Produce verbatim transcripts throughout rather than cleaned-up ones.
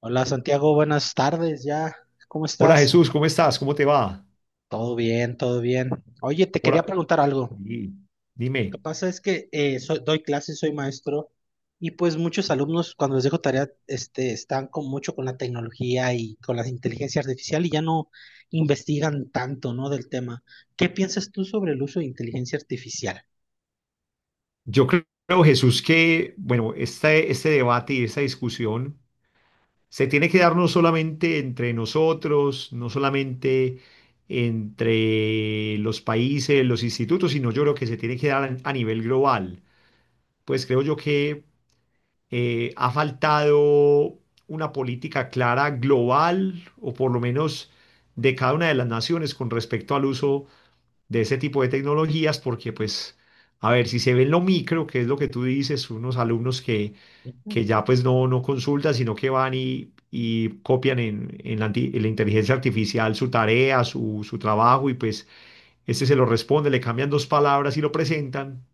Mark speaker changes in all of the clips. Speaker 1: Hola Santiago, buenas tardes ya. ¿Cómo
Speaker 2: Hola
Speaker 1: estás?
Speaker 2: Jesús, ¿cómo estás? ¿Cómo te va?
Speaker 1: Todo bien, todo bien. Oye, te quería
Speaker 2: Hola.
Speaker 1: preguntar algo.
Speaker 2: Sí,
Speaker 1: Lo que
Speaker 2: dime.
Speaker 1: pasa es que eh, soy- doy clases, soy maestro y pues muchos alumnos cuando les dejo tarea este, están con mucho con la tecnología y con la inteligencia artificial y ya no investigan tanto, ¿no?, del tema. ¿Qué piensas tú sobre el uso de inteligencia artificial?
Speaker 2: Yo creo, Jesús, que, bueno, este, este debate y esta discusión se tiene que dar no solamente entre nosotros, no solamente entre los países, los institutos, sino yo creo que se tiene que dar a nivel global. Pues creo yo que eh, ha faltado una política clara global, o por lo menos de cada una de las naciones con respecto al uso de ese tipo de tecnologías, porque pues, a ver, si se ve en lo micro, que es lo que tú dices, unos alumnos que,
Speaker 1: Ujú.
Speaker 2: que ya pues no, no consultan, sino que van y, y copian en, en la, anti- en la inteligencia artificial su tarea, su, su trabajo, y pues este se lo responde, le cambian dos palabras y lo presentan.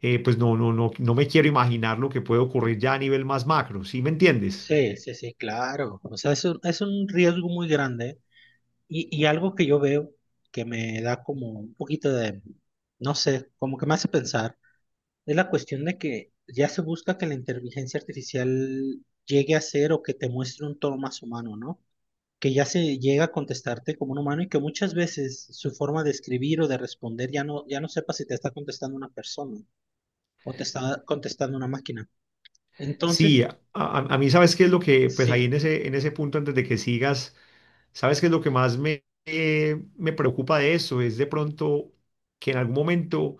Speaker 2: eh, Pues no, no, no, no me quiero imaginar lo que puede ocurrir ya a nivel más macro, ¿sí me entiendes?
Speaker 1: Sí, sí, sí, claro. O sea, es un, es un riesgo muy grande y, y algo que yo veo que me da como un poquito de, no sé, como que me hace pensar, es la cuestión de que ya se busca que la inteligencia artificial llegue a ser o que te muestre un tono más humano, ¿no? Que ya se llega a contestarte como un humano y que muchas veces su forma de escribir o de responder ya no, ya no sepa si te está contestando una persona o te está contestando una máquina.
Speaker 2: Sí,
Speaker 1: Entonces,
Speaker 2: a, a- a mí, sabes qué es lo que, pues ahí en
Speaker 1: sí,
Speaker 2: ese, en ese punto, antes de que sigas. ¿Sabes qué es lo que más me, eh, me preocupa de eso? Es de pronto que en algún momento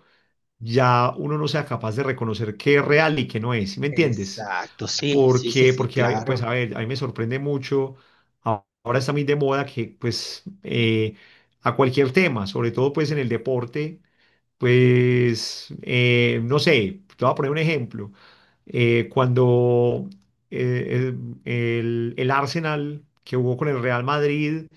Speaker 2: ya uno no sea capaz de reconocer qué es real y qué no es, ¿sí me entiendes?
Speaker 1: exacto, sí, sí, sí,
Speaker 2: Porque,
Speaker 1: sí,
Speaker 2: porque, hay- pues
Speaker 1: claro.
Speaker 2: a ver, a mí me sorprende mucho, a- ahora está muy de moda que pues eh, a cualquier tema, sobre todo pues en el deporte, pues, eh, no sé, te voy a poner un ejemplo. Eh, cuando eh, eh, el, el Arsenal que jugó con el Real Madrid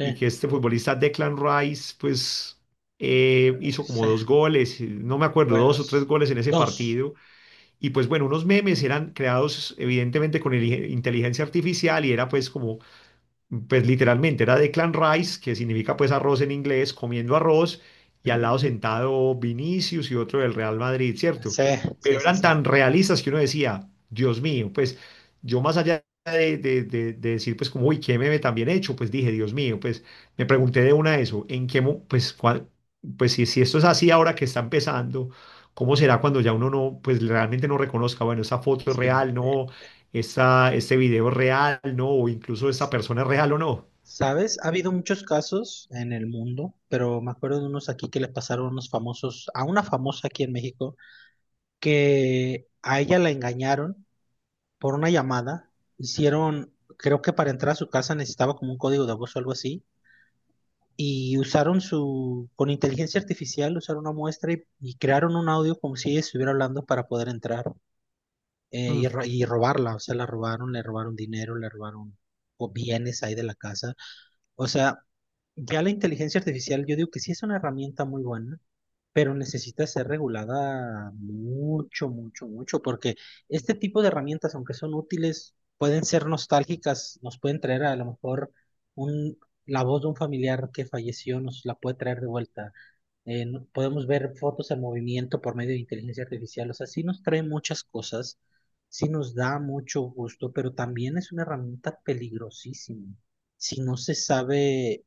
Speaker 2: y que este futbolista Declan Rice, pues eh, hizo
Speaker 1: sí,
Speaker 2: como dos goles, eh, no me acuerdo, dos o tres
Speaker 1: buenos.
Speaker 2: goles en ese
Speaker 1: Dos.
Speaker 2: partido. Y pues bueno, unos memes eran creados evidentemente con el- inteligencia artificial y era pues como, pues literalmente era de Clan Rice, que significa pues arroz en inglés, comiendo arroz, y al lado
Speaker 1: Ujú.
Speaker 2: sentado Vinicius y otro del Real Madrid, ¿cierto?
Speaker 1: Sí, sí,
Speaker 2: Pero
Speaker 1: sí,
Speaker 2: eran
Speaker 1: sí.
Speaker 2: tan realistas que uno decía, Dios mío, pues yo más allá de, de- de- de decir pues como, uy, qué meme tan bien hecho, pues dije, Dios mío, pues me pregunté de una eso, ¿en qué, mo- pues, cuál, pues si, si esto es así ahora que está empezando? ¿Cómo será cuando ya uno no, pues realmente no reconozca, bueno, esa foto es
Speaker 1: Sí.
Speaker 2: real,
Speaker 1: Eh,
Speaker 2: no, esa, ese video es real, ¿no? O incluso esa persona es real o no.
Speaker 1: ¿sabes? Ha habido muchos casos en el mundo, pero me acuerdo de unos aquí que le pasaron a unos famosos, a una famosa aquí en México, que a ella la engañaron por una llamada. Hicieron, creo que para entrar a su casa necesitaba como un código de voz o algo así. Y usaron su, con inteligencia artificial, usaron una muestra y, y crearon un audio como si ella estuviera hablando para poder entrar eh,
Speaker 2: Mm.
Speaker 1: y, ro- y robarla. O sea, la robaron, le robaron dinero, le robaron o bienes ahí de la casa. O sea, ya la inteligencia artificial, yo digo que sí es una herramienta muy buena, pero necesita ser regulada mucho, mucho, mucho, porque este tipo de herramientas, aunque son útiles, pueden ser nostálgicas, nos pueden traer a lo mejor un, la voz de un familiar que falleció, nos la puede traer de vuelta. Eh, no- podemos ver fotos en movimiento por medio de inteligencia artificial. O sea, sí nos trae muchas cosas, sí nos da mucho gusto, pero también es una herramienta peligrosísima si no se sabe,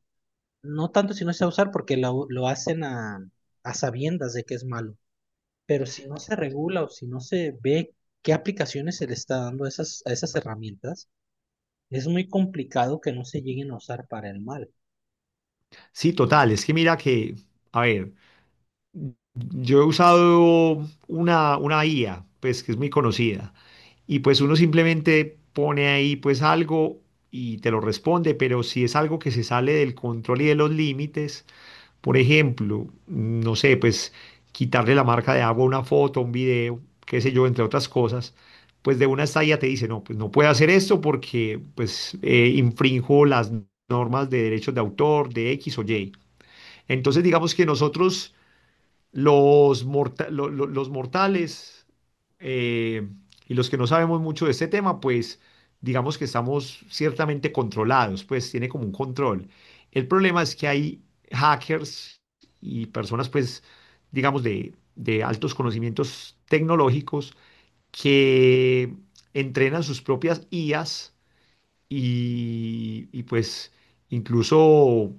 Speaker 1: no tanto si no se va a usar porque lo, lo hacen a, a sabiendas de que es malo, pero si no se regula o si no se ve qué aplicaciones se le está dando a esas, a esas herramientas, es muy complicado que no se lleguen a usar para el mal.
Speaker 2: Sí, total, es que mira que, a ver, yo he usado una, una I A, pues que es muy conocida, y pues uno simplemente pone ahí pues algo y te lo responde, pero si es algo que se sale del control y de los límites, por ejemplo, no sé, pues quitarle la marca de agua a una foto, a un video, qué sé yo, entre otras cosas, pues de una estadía te dice, no, pues no puede hacer esto porque pues eh, infrinjo las normas de derechos de autor, de X o Y. Entonces digamos que nosotros los, morta- lo- lo- los mortales, eh, y los que no sabemos mucho de este tema, pues digamos que estamos ciertamente controlados, pues tiene como un control. El problema es que hay hackers y personas, pues, digamos, de, de altos conocimientos tecnológicos que entrenan sus propias I As y, y, pues incluso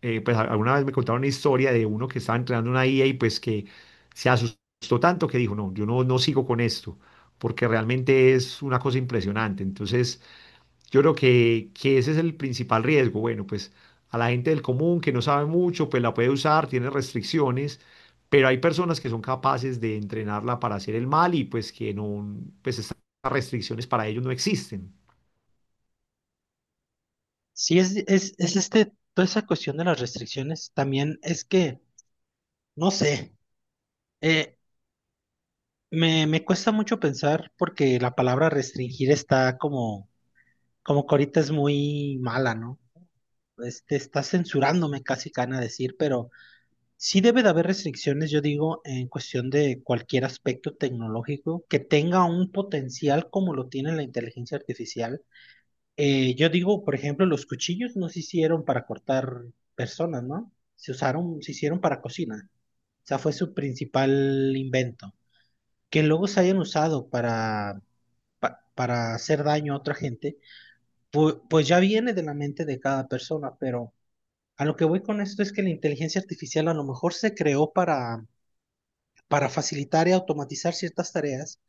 Speaker 2: eh, pues a- alguna vez me contaron una historia de uno que estaba entrenando una I A y pues que se asustó tanto que dijo, no, yo no, no sigo con esto, porque realmente es una cosa impresionante. Entonces, yo creo que, que ese es el principal riesgo. Bueno, pues a la gente del común que no sabe mucho, pues la puede usar, tiene restricciones. Pero hay personas que son capaces de entrenarla para hacer el mal y pues que no, pues estas restricciones para ellos no existen.
Speaker 1: Sí, es, es, es este, toda esa cuestión de las restricciones, también es que, no sé, eh, me, me cuesta mucho pensar porque la palabra restringir está como, como que ahorita es muy mala, ¿no? Este, está censurándome casi, Cana, decir, pero sí debe de haber restricciones, yo digo, en cuestión de cualquier aspecto tecnológico que tenga un potencial como lo tiene la inteligencia artificial. Eh, yo digo, por ejemplo, los cuchillos no se hicieron para cortar personas, ¿no? Se usaron, se hicieron para cocina. O sea, fue su principal invento. Que luego se hayan usado para, pa- para hacer daño a otra gente, pu- pues ya viene de la mente de cada persona, pero a lo que voy con esto es que la inteligencia artificial a lo mejor se creó para para facilitar y automatizar ciertas tareas,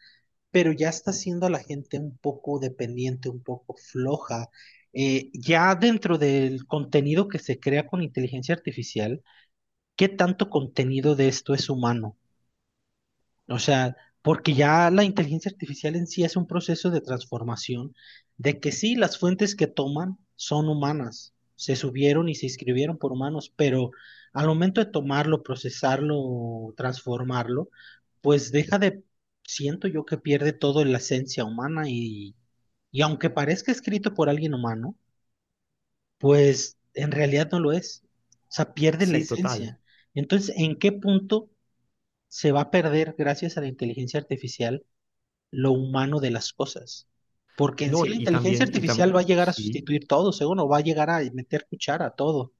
Speaker 1: pero ya está haciendo a la gente un poco dependiente, un poco floja. Eh, ya dentro del contenido que se crea con inteligencia artificial, ¿qué tanto contenido de esto es humano? O sea, porque ya la inteligencia artificial en sí es un proceso de transformación, de que sí, las fuentes que toman son humanas, se subieron y se escribieron por humanos, pero al momento de tomarlo, procesarlo, transformarlo, pues deja de, siento yo que pierde todo la esencia humana y, y aunque parezca escrito por alguien humano, pues en realidad no lo es, o sea, pierde la
Speaker 2: Sí, total.
Speaker 1: esencia. Entonces, ¿en qué punto se va a perder gracias a la inteligencia artificial lo humano de las cosas? Porque en
Speaker 2: No,
Speaker 1: sí
Speaker 2: y,
Speaker 1: la
Speaker 2: y
Speaker 1: inteligencia
Speaker 2: también, y
Speaker 1: artificial
Speaker 2: tam-
Speaker 1: va a llegar a
Speaker 2: sí,
Speaker 1: sustituir todo, según, o va a llegar a meter cuchara a todo.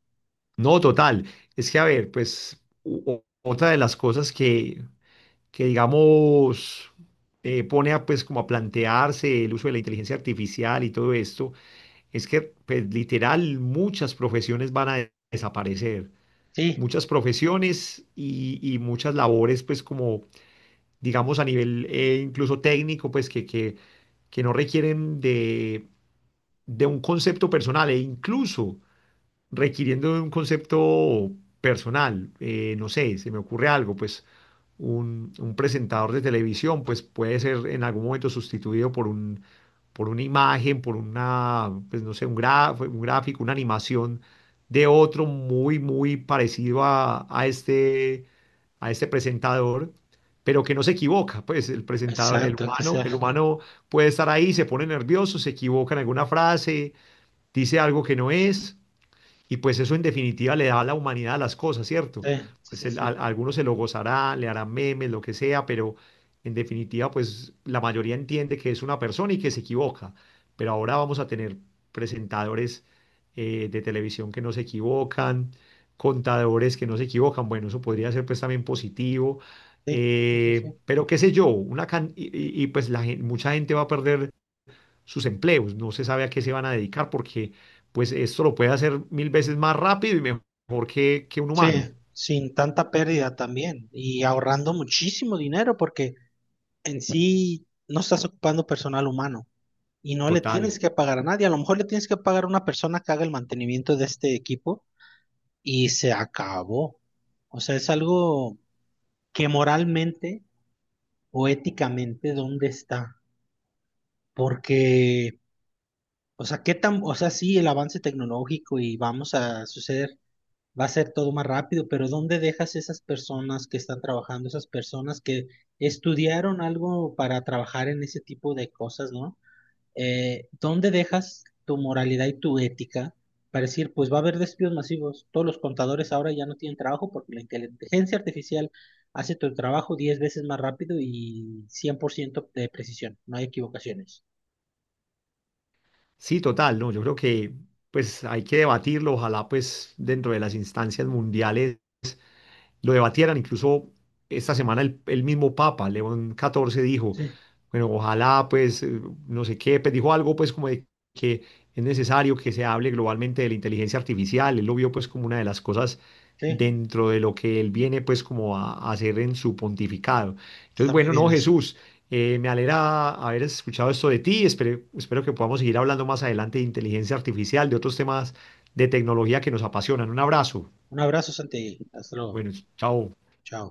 Speaker 2: no, total. Es que, a ver, pues u- o- otra de las cosas que, que digamos, eh, pone a, pues como a plantearse el uso de la inteligencia artificial y todo esto, es que, pues literal, muchas profesiones van a de- desaparecer.
Speaker 1: Sí,
Speaker 2: Muchas profesiones y, y muchas labores, pues como, digamos, a nivel eh, incluso técnico, pues que, que, que no requieren de, de un concepto personal e incluso... requiriendo de un concepto personal. Eh, no sé, se me ocurre algo, pues un, un presentador de televisión, pues puede ser en algún momento sustituido por un, por una imagen, por una, pues no sé, un gra- un gráfico, una animación de otro muy, muy parecido a, a este, a este presentador, pero que no se equivoca, pues el presentador, el
Speaker 1: exacto, que
Speaker 2: humano,
Speaker 1: sea.
Speaker 2: el humano puede estar ahí, se pone nervioso, se equivoca en alguna frase, dice algo que no es, y pues eso en definitiva le da a la humanidad a las cosas, ¿cierto?
Speaker 1: Sí, sí,
Speaker 2: Pues
Speaker 1: sí,
Speaker 2: el-
Speaker 1: sí,
Speaker 2: a, a algunos se lo gozará, le harán memes, lo que sea, pero en definitiva pues la mayoría entiende que es una persona y que se equivoca. Pero ahora vamos a tener presentadores eh, de televisión que no se equivocan, contadores que no se equivocan. Bueno, eso podría ser pues también positivo.
Speaker 1: sí, sí, sí, sí.
Speaker 2: Eh, pero qué sé yo, una can- y, y- y, pues la gen- mucha gente va a perder sus empleos. No se sabe a qué se van a dedicar porque pues esto lo puede hacer mil veces más rápido y mejor que, que un
Speaker 1: Sí,
Speaker 2: humano.
Speaker 1: sin tanta pérdida también y ahorrando muchísimo dinero porque en sí no estás ocupando personal humano y no le
Speaker 2: Total.
Speaker 1: tienes que pagar a nadie. A lo mejor le tienes que pagar a una persona que haga el mantenimiento de este equipo y se acabó. O sea, es algo que moralmente o éticamente, ¿dónde está? Porque, o sea, qué tan, o sea, sí, el avance tecnológico y vamos a suceder, va a ser todo más rápido, pero ¿dónde dejas esas personas que están trabajando, esas personas que estudiaron algo para trabajar en ese tipo de cosas, ¿no? eh, ¿dónde dejas tu moralidad y tu ética para decir, pues va a haber despidos masivos? Todos los contadores ahora ya no tienen trabajo porque la inteligencia artificial hace tu trabajo diez veces más rápido y cien por ciento de precisión, no hay equivocaciones.
Speaker 2: Sí, total, no, yo creo que pues hay que debatirlo, ojalá pues dentro de las instancias mundiales lo debatieran. Incluso esta semana el, el mismo Papa, León catorce, dijo,
Speaker 1: Sí.
Speaker 2: bueno, ojalá, pues, eh, no sé qué, pues dijo algo, pues, como de que es necesario que se hable globalmente de la inteligencia artificial. Él lo vio, pues, como una de las cosas
Speaker 1: Sí,
Speaker 2: dentro de lo que él viene, pues, como a, a hacer en su pontificado. Entonces,
Speaker 1: está muy
Speaker 2: bueno,
Speaker 1: bien
Speaker 2: no,
Speaker 1: eso.
Speaker 2: Jesús, eh, me alegra haber escuchado esto de ti. Espero, espero que podamos seguir hablando más adelante de inteligencia artificial, de otros temas de tecnología que nos apasionan. Un abrazo.
Speaker 1: Un abrazo, Santi. Hasta luego.
Speaker 2: Bueno, chao.
Speaker 1: Chao.